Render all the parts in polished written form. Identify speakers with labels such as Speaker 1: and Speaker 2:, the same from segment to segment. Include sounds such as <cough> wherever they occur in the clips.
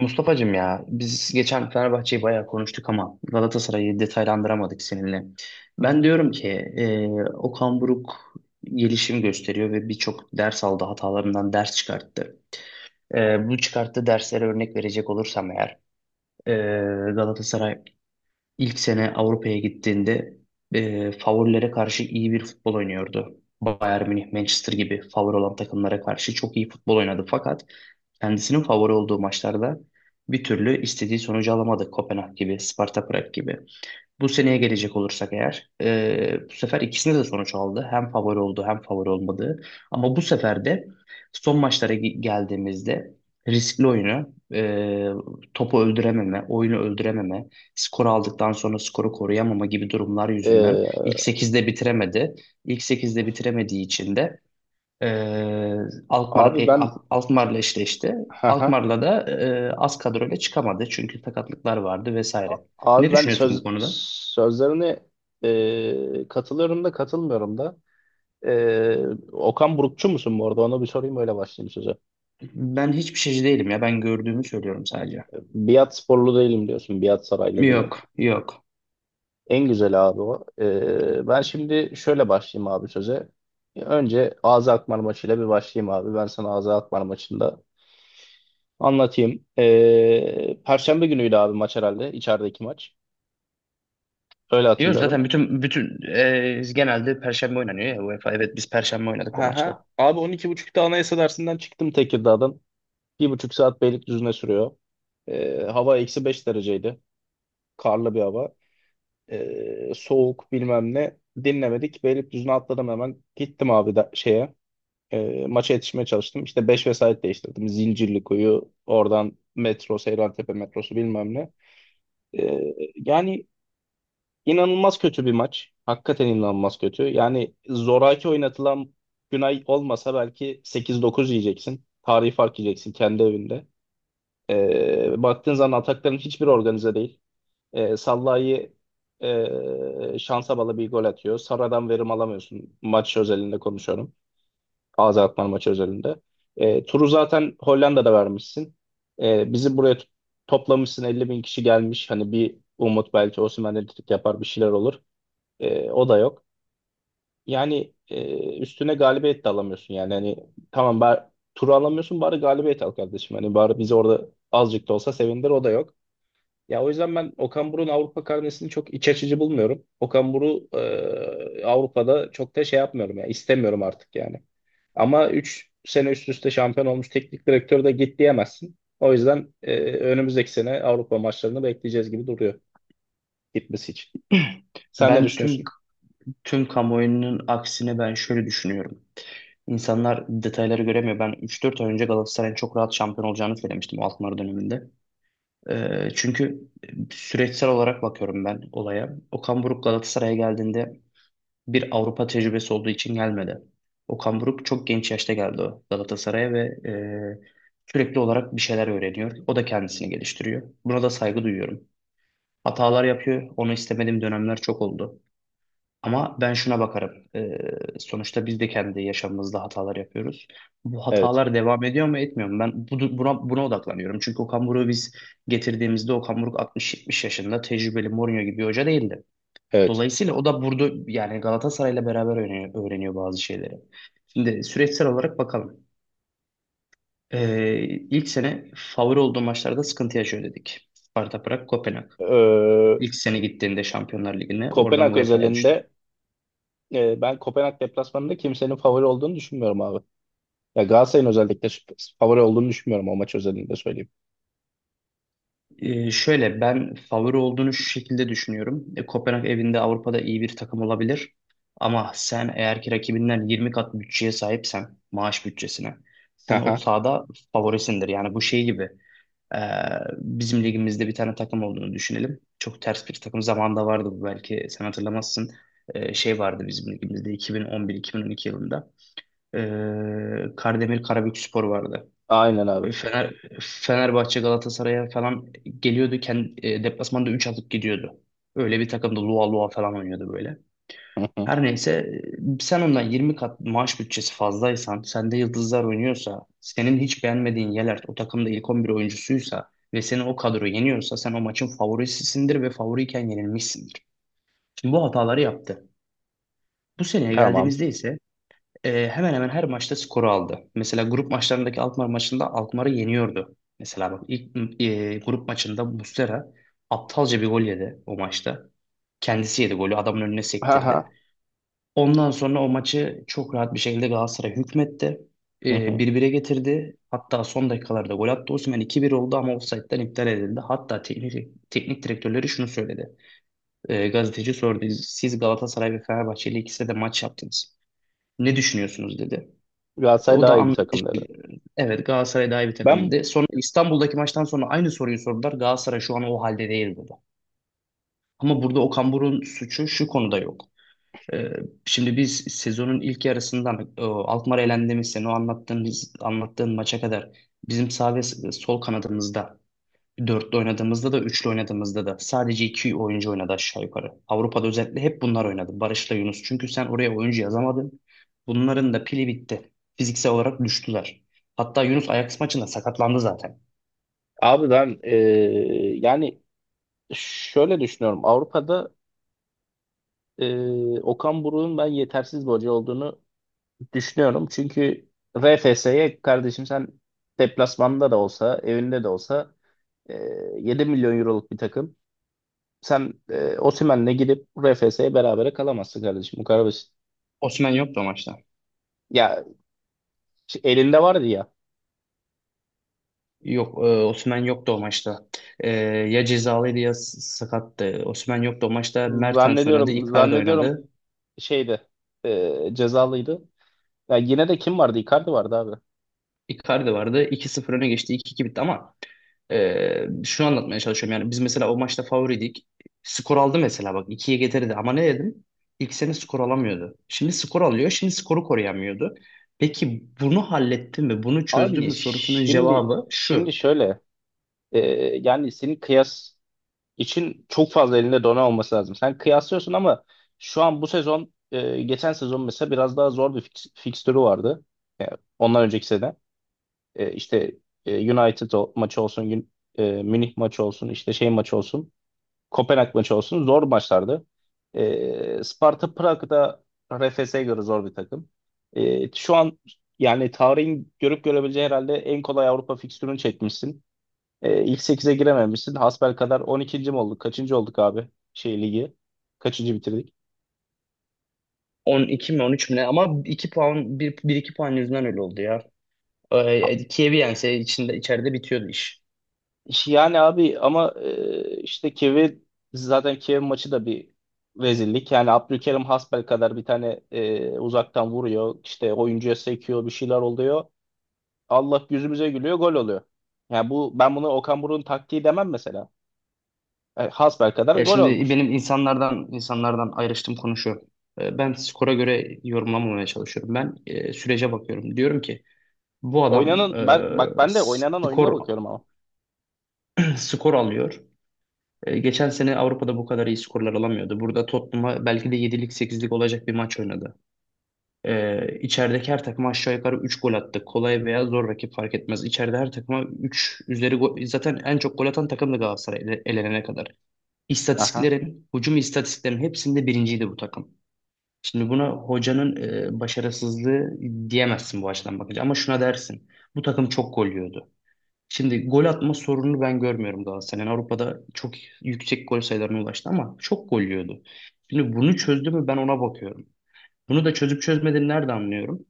Speaker 1: Mustafa'cığım ya biz geçen Fenerbahçe'yi bayağı konuştuk ama Galatasaray'ı detaylandıramadık seninle. Ben diyorum ki e, Okan Buruk gelişim gösteriyor ve birçok ders aldı hatalarından ders çıkarttı. Bu çıkarttığı derslere örnek verecek olursam eğer e, Galatasaray İlk sene Avrupa'ya gittiğinde favorilere karşı iyi bir futbol oynuyordu. Bayern Münih, Manchester gibi favori olan takımlara karşı çok iyi futbol oynadı. Fakat kendisinin favori olduğu maçlarda bir türlü istediği sonucu alamadı. Kopenhag gibi, Sparta Prag gibi. Bu seneye gelecek olursak eğer bu sefer ikisinde de sonuç aldı. Hem favori oldu hem favori olmadı. Ama bu sefer de son maçlara geldiğimizde riskli oyunu, topu öldürememe, oyunu öldürememe, skoru aldıktan sonra skoru koruyamama gibi durumlar yüzünden
Speaker 2: Ee,
Speaker 1: ilk sekizde bitiremedi. İlk sekizde bitiremediği için de e, Alkmaar,
Speaker 2: Abi ben
Speaker 1: Alkmaar'la eşleşti.
Speaker 2: haha.
Speaker 1: Alkmaar'la da az kadroyla çıkamadı çünkü sakatlıklar vardı vesaire. Ne
Speaker 2: Abi ben
Speaker 1: düşünüyorsun bu
Speaker 2: söz
Speaker 1: konuda?
Speaker 2: sözlerine katılıyorum da katılmıyorum da. Ee, Okan Burukçu musun bu arada? Ona bir sorayım, öyle başlayayım söze.
Speaker 1: Ben hiçbir şeyci değilim ya. Ben gördüğümü söylüyorum sadece.
Speaker 2: Biat sporlu değilim diyorsun. Biat saraylı değilim.
Speaker 1: Yok, yok.
Speaker 2: En güzel abi o. Ben şimdi şöyle başlayayım abi söze. Önce Ağzı Akmar maçıyla bir başlayayım abi. Ben sana Ağzı Akmar maçında anlatayım. Perşembe günüydü abi maç herhalde. İçerideki maç. Öyle
Speaker 1: Diyoruz
Speaker 2: hatırlıyorum.
Speaker 1: zaten bütün genelde Perşembe oynanıyor ya UEFA. Evet biz Perşembe oynadık o
Speaker 2: Aha.
Speaker 1: maçta.
Speaker 2: Abi 12:30'da Anayasa dersinden çıktım Tekirdağ'dan. Bir buçuk saat Beylikdüzü'ne sürüyor. Hava eksi 5 dereceydi. Karlı bir hava. Soğuk bilmem ne. Dinlemedik. Beylikdüzü'ne atladım hemen. Gittim abi da şeye. Maça yetişmeye çalıştım. İşte 5 vesait değiştirdim. Zincirlikuyu, oradan metro, Seyrantepe metrosu bilmem ne. Yani İnanılmaz kötü bir maç. Hakikaten inanılmaz kötü. Yani zoraki oynatılan Günay olmasa belki 8-9 yiyeceksin. Tarihi fark yiyeceksin kendi evinde. Baktığın zaman atakların hiçbir organize değil. Sallai'yi şansa bağlı bir gol atıyor. Sara'dan verim alamıyorsun. Maç özelinde konuşuyorum. Ağzı atman maçı özelinde. Turu zaten Hollanda'da vermişsin. Bizi buraya toplamışsın. 50 bin kişi gelmiş. Hani bir umut, belki Osimhen elektrik yapar, bir şeyler olur. O da yok. Yani üstüne galibiyet de alamıyorsun, yani hani, tamam bari turu alamıyorsun, bari galibiyet al kardeşim. Hani bari bizi orada azıcık da olsa sevindir, o da yok. Ya o yüzden ben Okan Buruk'un Avrupa karnesini çok iç açıcı bulmuyorum. Okan Buruk Avrupa'da çok da şey yapmıyorum ya, istemiyorum artık yani. Ama 3 sene üst üste şampiyon olmuş teknik direktör de git diyemezsin. O yüzden önümüzdeki sene Avrupa maçlarını bekleyeceğiz gibi duruyor gitmesi için.
Speaker 1: <clears throat>
Speaker 2: Sen ne
Speaker 1: Ben tüm
Speaker 2: düşünüyorsun?
Speaker 1: tüm kamuoyunun aksine ben şöyle düşünüyorum. İnsanlar detayları göremiyor. Ben 3-4 ay önce Galatasaray'ın çok rahat şampiyon olacağını söylemiştim o altınları döneminde. Çünkü süreçsel olarak bakıyorum ben olaya. Okan Buruk Galatasaray'a geldiğinde bir Avrupa tecrübesi olduğu için gelmedi. Okan Buruk çok genç yaşta geldi o Galatasaray'a ve sürekli olarak bir şeyler öğreniyor. O da kendisini geliştiriyor. Buna da saygı duyuyorum. Hatalar yapıyor. Onu istemediğim dönemler çok oldu. Ama ben şuna bakarım. Sonuçta biz de kendi yaşamımızda hatalar yapıyoruz. Bu
Speaker 2: Evet.
Speaker 1: hatalar devam ediyor mu etmiyor mu? Ben buna odaklanıyorum. Çünkü Okan Buruk'u biz getirdiğimizde Okan Buruk 60-70 yaşında tecrübeli Mourinho gibi bir hoca değildi.
Speaker 2: Evet.
Speaker 1: Dolayısıyla o da burada yani Galatasaray'la beraber öğreniyor, öğreniyor bazı şeyleri. Şimdi süreçsel olarak bakalım. Ee, ilk sene favori olduğu maçlarda sıkıntı yaşıyor dedik. Sparta Prag, Kopenhag.
Speaker 2: Ee,
Speaker 1: İlk sene gittiğinde Şampiyonlar Ligi'ne oradan
Speaker 2: Kopenhag
Speaker 1: UEFA'ya düştü.
Speaker 2: özelinde ben Kopenhag deplasmanında kimsenin favori olduğunu düşünmüyorum abi. Ya Galatasaray'ın özellikle favori olduğunu düşünmüyorum, o maç özelinde söyleyeyim.
Speaker 1: Şöyle ben favori olduğunu şu şekilde düşünüyorum. Kopenhag evinde Avrupa'da iyi bir takım olabilir. Ama sen eğer ki rakibinden 20 kat bütçeye sahipsen, maaş bütçesine, sen o
Speaker 2: Haha.
Speaker 1: sahada favorisindir. Yani bu şey gibi. Ee, bizim ligimizde bir tane takım olduğunu düşünelim. Çok ters bir takım zamanında vardı bu belki sen hatırlamazsın. Şey vardı bizim ligimizde 2011-2012 yılında. Kardemir Karabükspor vardı.
Speaker 2: Aynen abi.
Speaker 1: Ee, Fener, Fenerbahçe Galatasaray'a falan geliyordu. Kendi, deplasmanda 3 atıp gidiyordu. Öyle bir takımda Lua Lua falan oynuyordu böyle.
Speaker 2: Hı hı.
Speaker 1: Her neyse, sen ondan 20 kat maaş bütçesi fazlaysan, sende yıldızlar oynuyorsa, senin hiç beğenmediğin Yelert o takımda ilk 11 oyuncusuysa ve seni o kadro yeniyorsa sen o maçın favorisisindir ve favoriyken yenilmişsindir. Şimdi bu hataları yaptı. Bu seneye
Speaker 2: Tamam.
Speaker 1: geldiğimizde ise hemen hemen her maçta skoru aldı. Mesela grup maçlarındaki Alkmaar maçında Alkmaar'ı yeniyordu. Mesela bak ilk grup maçında Muslera aptalca bir gol yedi o maçta. Kendisi yedi golü adamın önüne
Speaker 2: Haha.
Speaker 1: sektirdi. Ondan sonra o maçı çok rahat bir şekilde Galatasaray hükmetti.
Speaker 2: Hı hı.
Speaker 1: Ee,
Speaker 2: Hı.
Speaker 1: 1-1'e getirdi. Hatta son dakikalarda gol attı. Osimhen 2-1 oldu ama offside'den iptal edildi. Hatta teknik direktörleri şunu söyledi. Gazeteci sordu. Siz Galatasaray ve Fenerbahçe ile ikisi de maç yaptınız. Ne düşünüyorsunuz dedi.
Speaker 2: Galatasaray
Speaker 1: O
Speaker 2: daha
Speaker 1: da
Speaker 2: iyi bir
Speaker 1: anlattı.
Speaker 2: takım dedi.
Speaker 1: Evet Galatasaray daha iyi bir takım
Speaker 2: Ben
Speaker 1: dedi. Sonra İstanbul'daki maçtan sonra aynı soruyu sordular. Galatasaray şu an o halde değil dedi. Ama burada Okan Buruk'un suçu şu konuda yok. Ee, Şimdi biz sezonun ilk yarısından Alkmaar elendiğimiz sene o anlattığın maça kadar bizim sağ ve sol kanadımızda dörtlü oynadığımızda da üçlü oynadığımızda da sadece iki oyuncu oynadı aşağı yukarı. Avrupa'da özellikle hep bunlar oynadı. Barış'la Yunus. Çünkü sen oraya oyuncu yazamadın. Bunların da pili bitti. Fiziksel olarak düştüler. Hatta Yunus Ajax maçında sakatlandı zaten.
Speaker 2: Abi ben yani şöyle düşünüyorum. Avrupa'da Okan Buruk'un ben yetersiz bir hoca olduğunu düşünüyorum. Çünkü RFS'ye kardeşim, sen deplasmanda da olsa evinde de olsa e, 7 milyon euroluk bir takım. Sen Osimhen'le gidip RFS'ye berabere kalamazsın kardeşim. Bu kadar basit.
Speaker 1: Osman yoktu o maçta.
Speaker 2: Ya elinde vardı ya.
Speaker 1: Yok, Osimhen yoktu o maçta. E, ya cezalıydı ya sakattı. Osimhen yoktu o maçta. Mertens oynadı,
Speaker 2: Zannediyorum
Speaker 1: Icardi
Speaker 2: zannediyorum
Speaker 1: oynadı.
Speaker 2: şeyde cezalıydı. Ya yine de kim vardı? Icardi vardı abi.
Speaker 1: Icardi vardı. 2-0 öne geçti, 2-2 bitti ama şunu anlatmaya çalışıyorum. Yani biz mesela o maçta favoriydik. Skor aldı mesela bak ikiye getirdi ama ne dedim? İlk sene skor alamıyordu. Şimdi skor alıyor, şimdi skoru koruyamıyordu. Peki bunu halletti mi, bunu çözdü
Speaker 2: Abi
Speaker 1: mü sorusunun
Speaker 2: şimdi
Speaker 1: cevabı şu.
Speaker 2: şimdi şöyle e, yani senin kıyas için çok fazla elinde dona olması lazım. Sen kıyaslıyorsun ama şu an bu sezon, geçen sezon mesela biraz daha zor bir fikstürü vardı. Yani ondan önceki sene. İşte United maçı olsun, Münih maçı olsun, işte şey maçı olsun, Kopenhag maçı olsun zor maçlardı. Sparta Prag da RFS'ye göre zor bir takım. Şu an yani tarihin görüp görebileceği herhalde en kolay Avrupa fikstürünü çekmişsin. İlk 8'e girememişsin. Hasbelkader 12. mi olduk? Kaçıncı olduk abi? Şey ligi. Kaçıncı bitirdik?
Speaker 1: On iki mi on üç mi ne? Ama 2 puan, bir iki puan yüzünden öyle oldu ya. Kiev'i yense içeride bitiyordu iş.
Speaker 2: Yani abi ama işte Kevin, zaten Kevin maçı da bir rezillik. Yani Abdülkerim Hasbel kadar bir tane uzaktan vuruyor, işte oyuncuya sekiyor, bir şeyler oluyor. Allah yüzümüze gülüyor, gol oluyor. Yani ben bunu Okan Buruk'un taktiği demem mesela. Hasbel kadar
Speaker 1: Ya
Speaker 2: gol
Speaker 1: şimdi
Speaker 2: olmuş.
Speaker 1: benim insanlardan ayrıştığım konu şu. Ben skora göre yorumlamamaya çalışıyorum. Ben sürece bakıyorum. Diyorum ki bu adam
Speaker 2: Ben bak, ben de oynanan oyununa
Speaker 1: skor
Speaker 2: bakıyorum ama.
Speaker 1: <clears throat> skor alıyor. E, geçen sene Avrupa'da bu kadar iyi skorlar alamıyordu. Burada Tottenham'a belki de yedilik sekizlik olacak bir maç oynadı. E, içerideki her takıma aşağı yukarı 3 gol attı. Kolay veya zor rakip fark etmez. İçeride her takıma 3 üzeri gol. Zaten en çok gol atan takım da Galatasaray elenene kadar.
Speaker 2: Aha.
Speaker 1: Hücum istatistiklerin hepsinde birinciydi bu takım. Şimdi buna hocanın başarısızlığı diyemezsin bu açıdan bakınca. Ama şuna dersin. Bu takım çok gol yiyordu. Şimdi gol atma sorununu ben görmüyorum Galatasaray'ın. Avrupa'da çok yüksek gol sayılarına ulaştı ama çok gol yiyordu. Şimdi bunu çözdü mü ben ona bakıyorum. Bunu da çözüp çözmediğini nerede anlıyorum?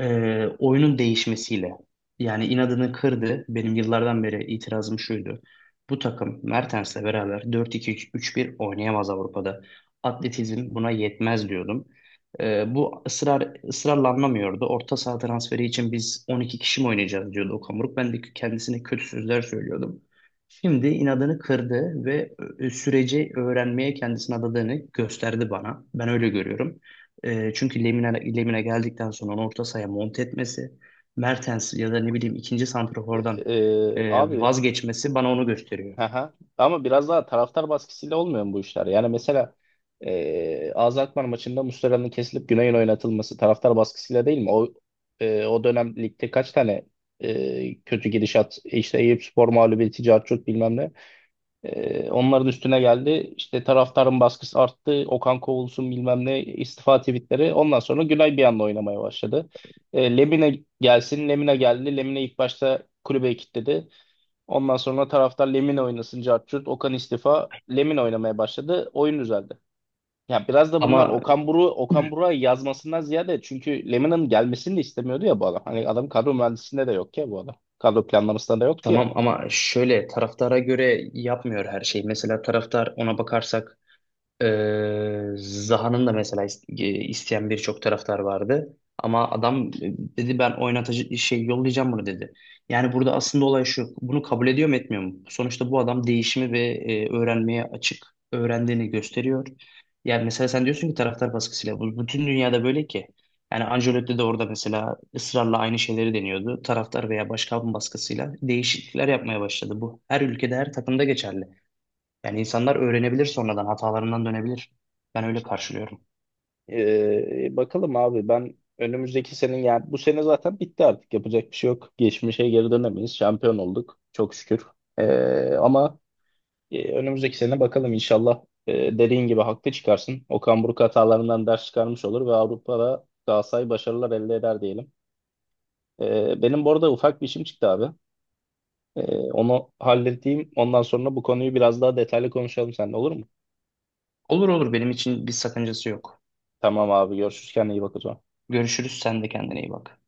Speaker 1: Oyunun değişmesiyle. Yani inadını kırdı. Benim yıllardan beri itirazım şuydu. Bu takım Mertens'le beraber 4 2 üç bir oynayamaz Avrupa'da. Atletizm buna yetmez diyordum. Bu ısrarla anlamıyordu. Orta saha transferi için biz 12 kişi mi oynayacağız diyordu Okan Buruk. Ben de kendisine kötü sözler söylüyordum. Şimdi inadını kırdı ve süreci öğrenmeye kendisini adadığını gösterdi bana. Ben öyle görüyorum. Çünkü Lemine geldikten sonra onu orta sahaya monte etmesi, Mertens ya da ne bileyim ikinci santrafordan
Speaker 2: Abi.
Speaker 1: vazgeçmesi bana onu gösteriyor.
Speaker 2: Aha. Ama biraz daha taraftar baskısıyla olmuyor mu bu işler? Yani mesela Alzheimer maçında Muslera'nın kesilip Güney'in oynatılması taraftar baskısıyla değil mi? O dönem ligde kaç tane kötü gidişat, işte Eyüpspor mağlubiyeti, Carçurt bilmem ne. Onların üstüne geldi. İşte taraftarın baskısı arttı. Okan kovulsun bilmem ne, istifa tweetleri. Ondan sonra Güney bir anda oynamaya başladı. Lemine gelsin. Lemine geldi. Lemine ilk başta kulübe kilitledi. Ondan sonra taraftar, Lemina oynasın cart curt. Okan istifa. Lemina oynamaya başladı. Oyun düzeldi. Ya biraz da bunlar
Speaker 1: Ama
Speaker 2: Okan Buruk, Okan Buruk'a yazmasından ziyade, çünkü Lemina'nın gelmesini de istemiyordu ya bu adam. Hani adam kadro mühendisliğinde de yok ya bu adam. Kadro planlamasında da yoktu ya.
Speaker 1: tamam, ama şöyle taraftara göre yapmıyor her şeyi. Mesela taraftar ona bakarsak Zaha'nın da mesela isteyen birçok taraftar vardı. Ama adam dedi ben oynatıcı şey yollayacağım bunu dedi. Yani burada aslında olay şu. Bunu kabul ediyor mu etmiyor mu? Sonuçta bu adam değişimi ve öğrenmeye açık. Öğrendiğini gösteriyor. Yani mesela sen diyorsun ki taraftar baskısıyla. Bu bütün dünyada böyle ki. Yani Ancelotti de orada mesela ısrarla aynı şeyleri deniyordu. Taraftar veya başkan baskısıyla değişiklikler yapmaya başladı. Bu her ülkede her takımda geçerli. Yani insanlar öğrenebilir sonradan, hatalarından dönebilir. Ben öyle karşılıyorum.
Speaker 2: Bakalım abi, ben önümüzdeki senin, yani bu sene zaten bitti artık, yapacak bir şey yok. Geçmişe geri dönemeyiz. Şampiyon olduk çok şükür. Ama önümüzdeki sene bakalım, inşallah dediğin gibi haklı çıkarsın. Okan Buruk hatalarından ders çıkarmış olur ve Avrupa'da Galatasaray başarılar elde eder diyelim. Benim bu arada ufak bir işim çıktı abi. E, Onu halledeyim. Ondan sonra bu konuyu biraz daha detaylı konuşalım seninle, olur mu?
Speaker 1: Olur olur benim için bir sakıncası yok.
Speaker 2: Tamam abi, görüşürüz. Kendine iyi bak o zaman.
Speaker 1: Görüşürüz, sen de kendine iyi bak.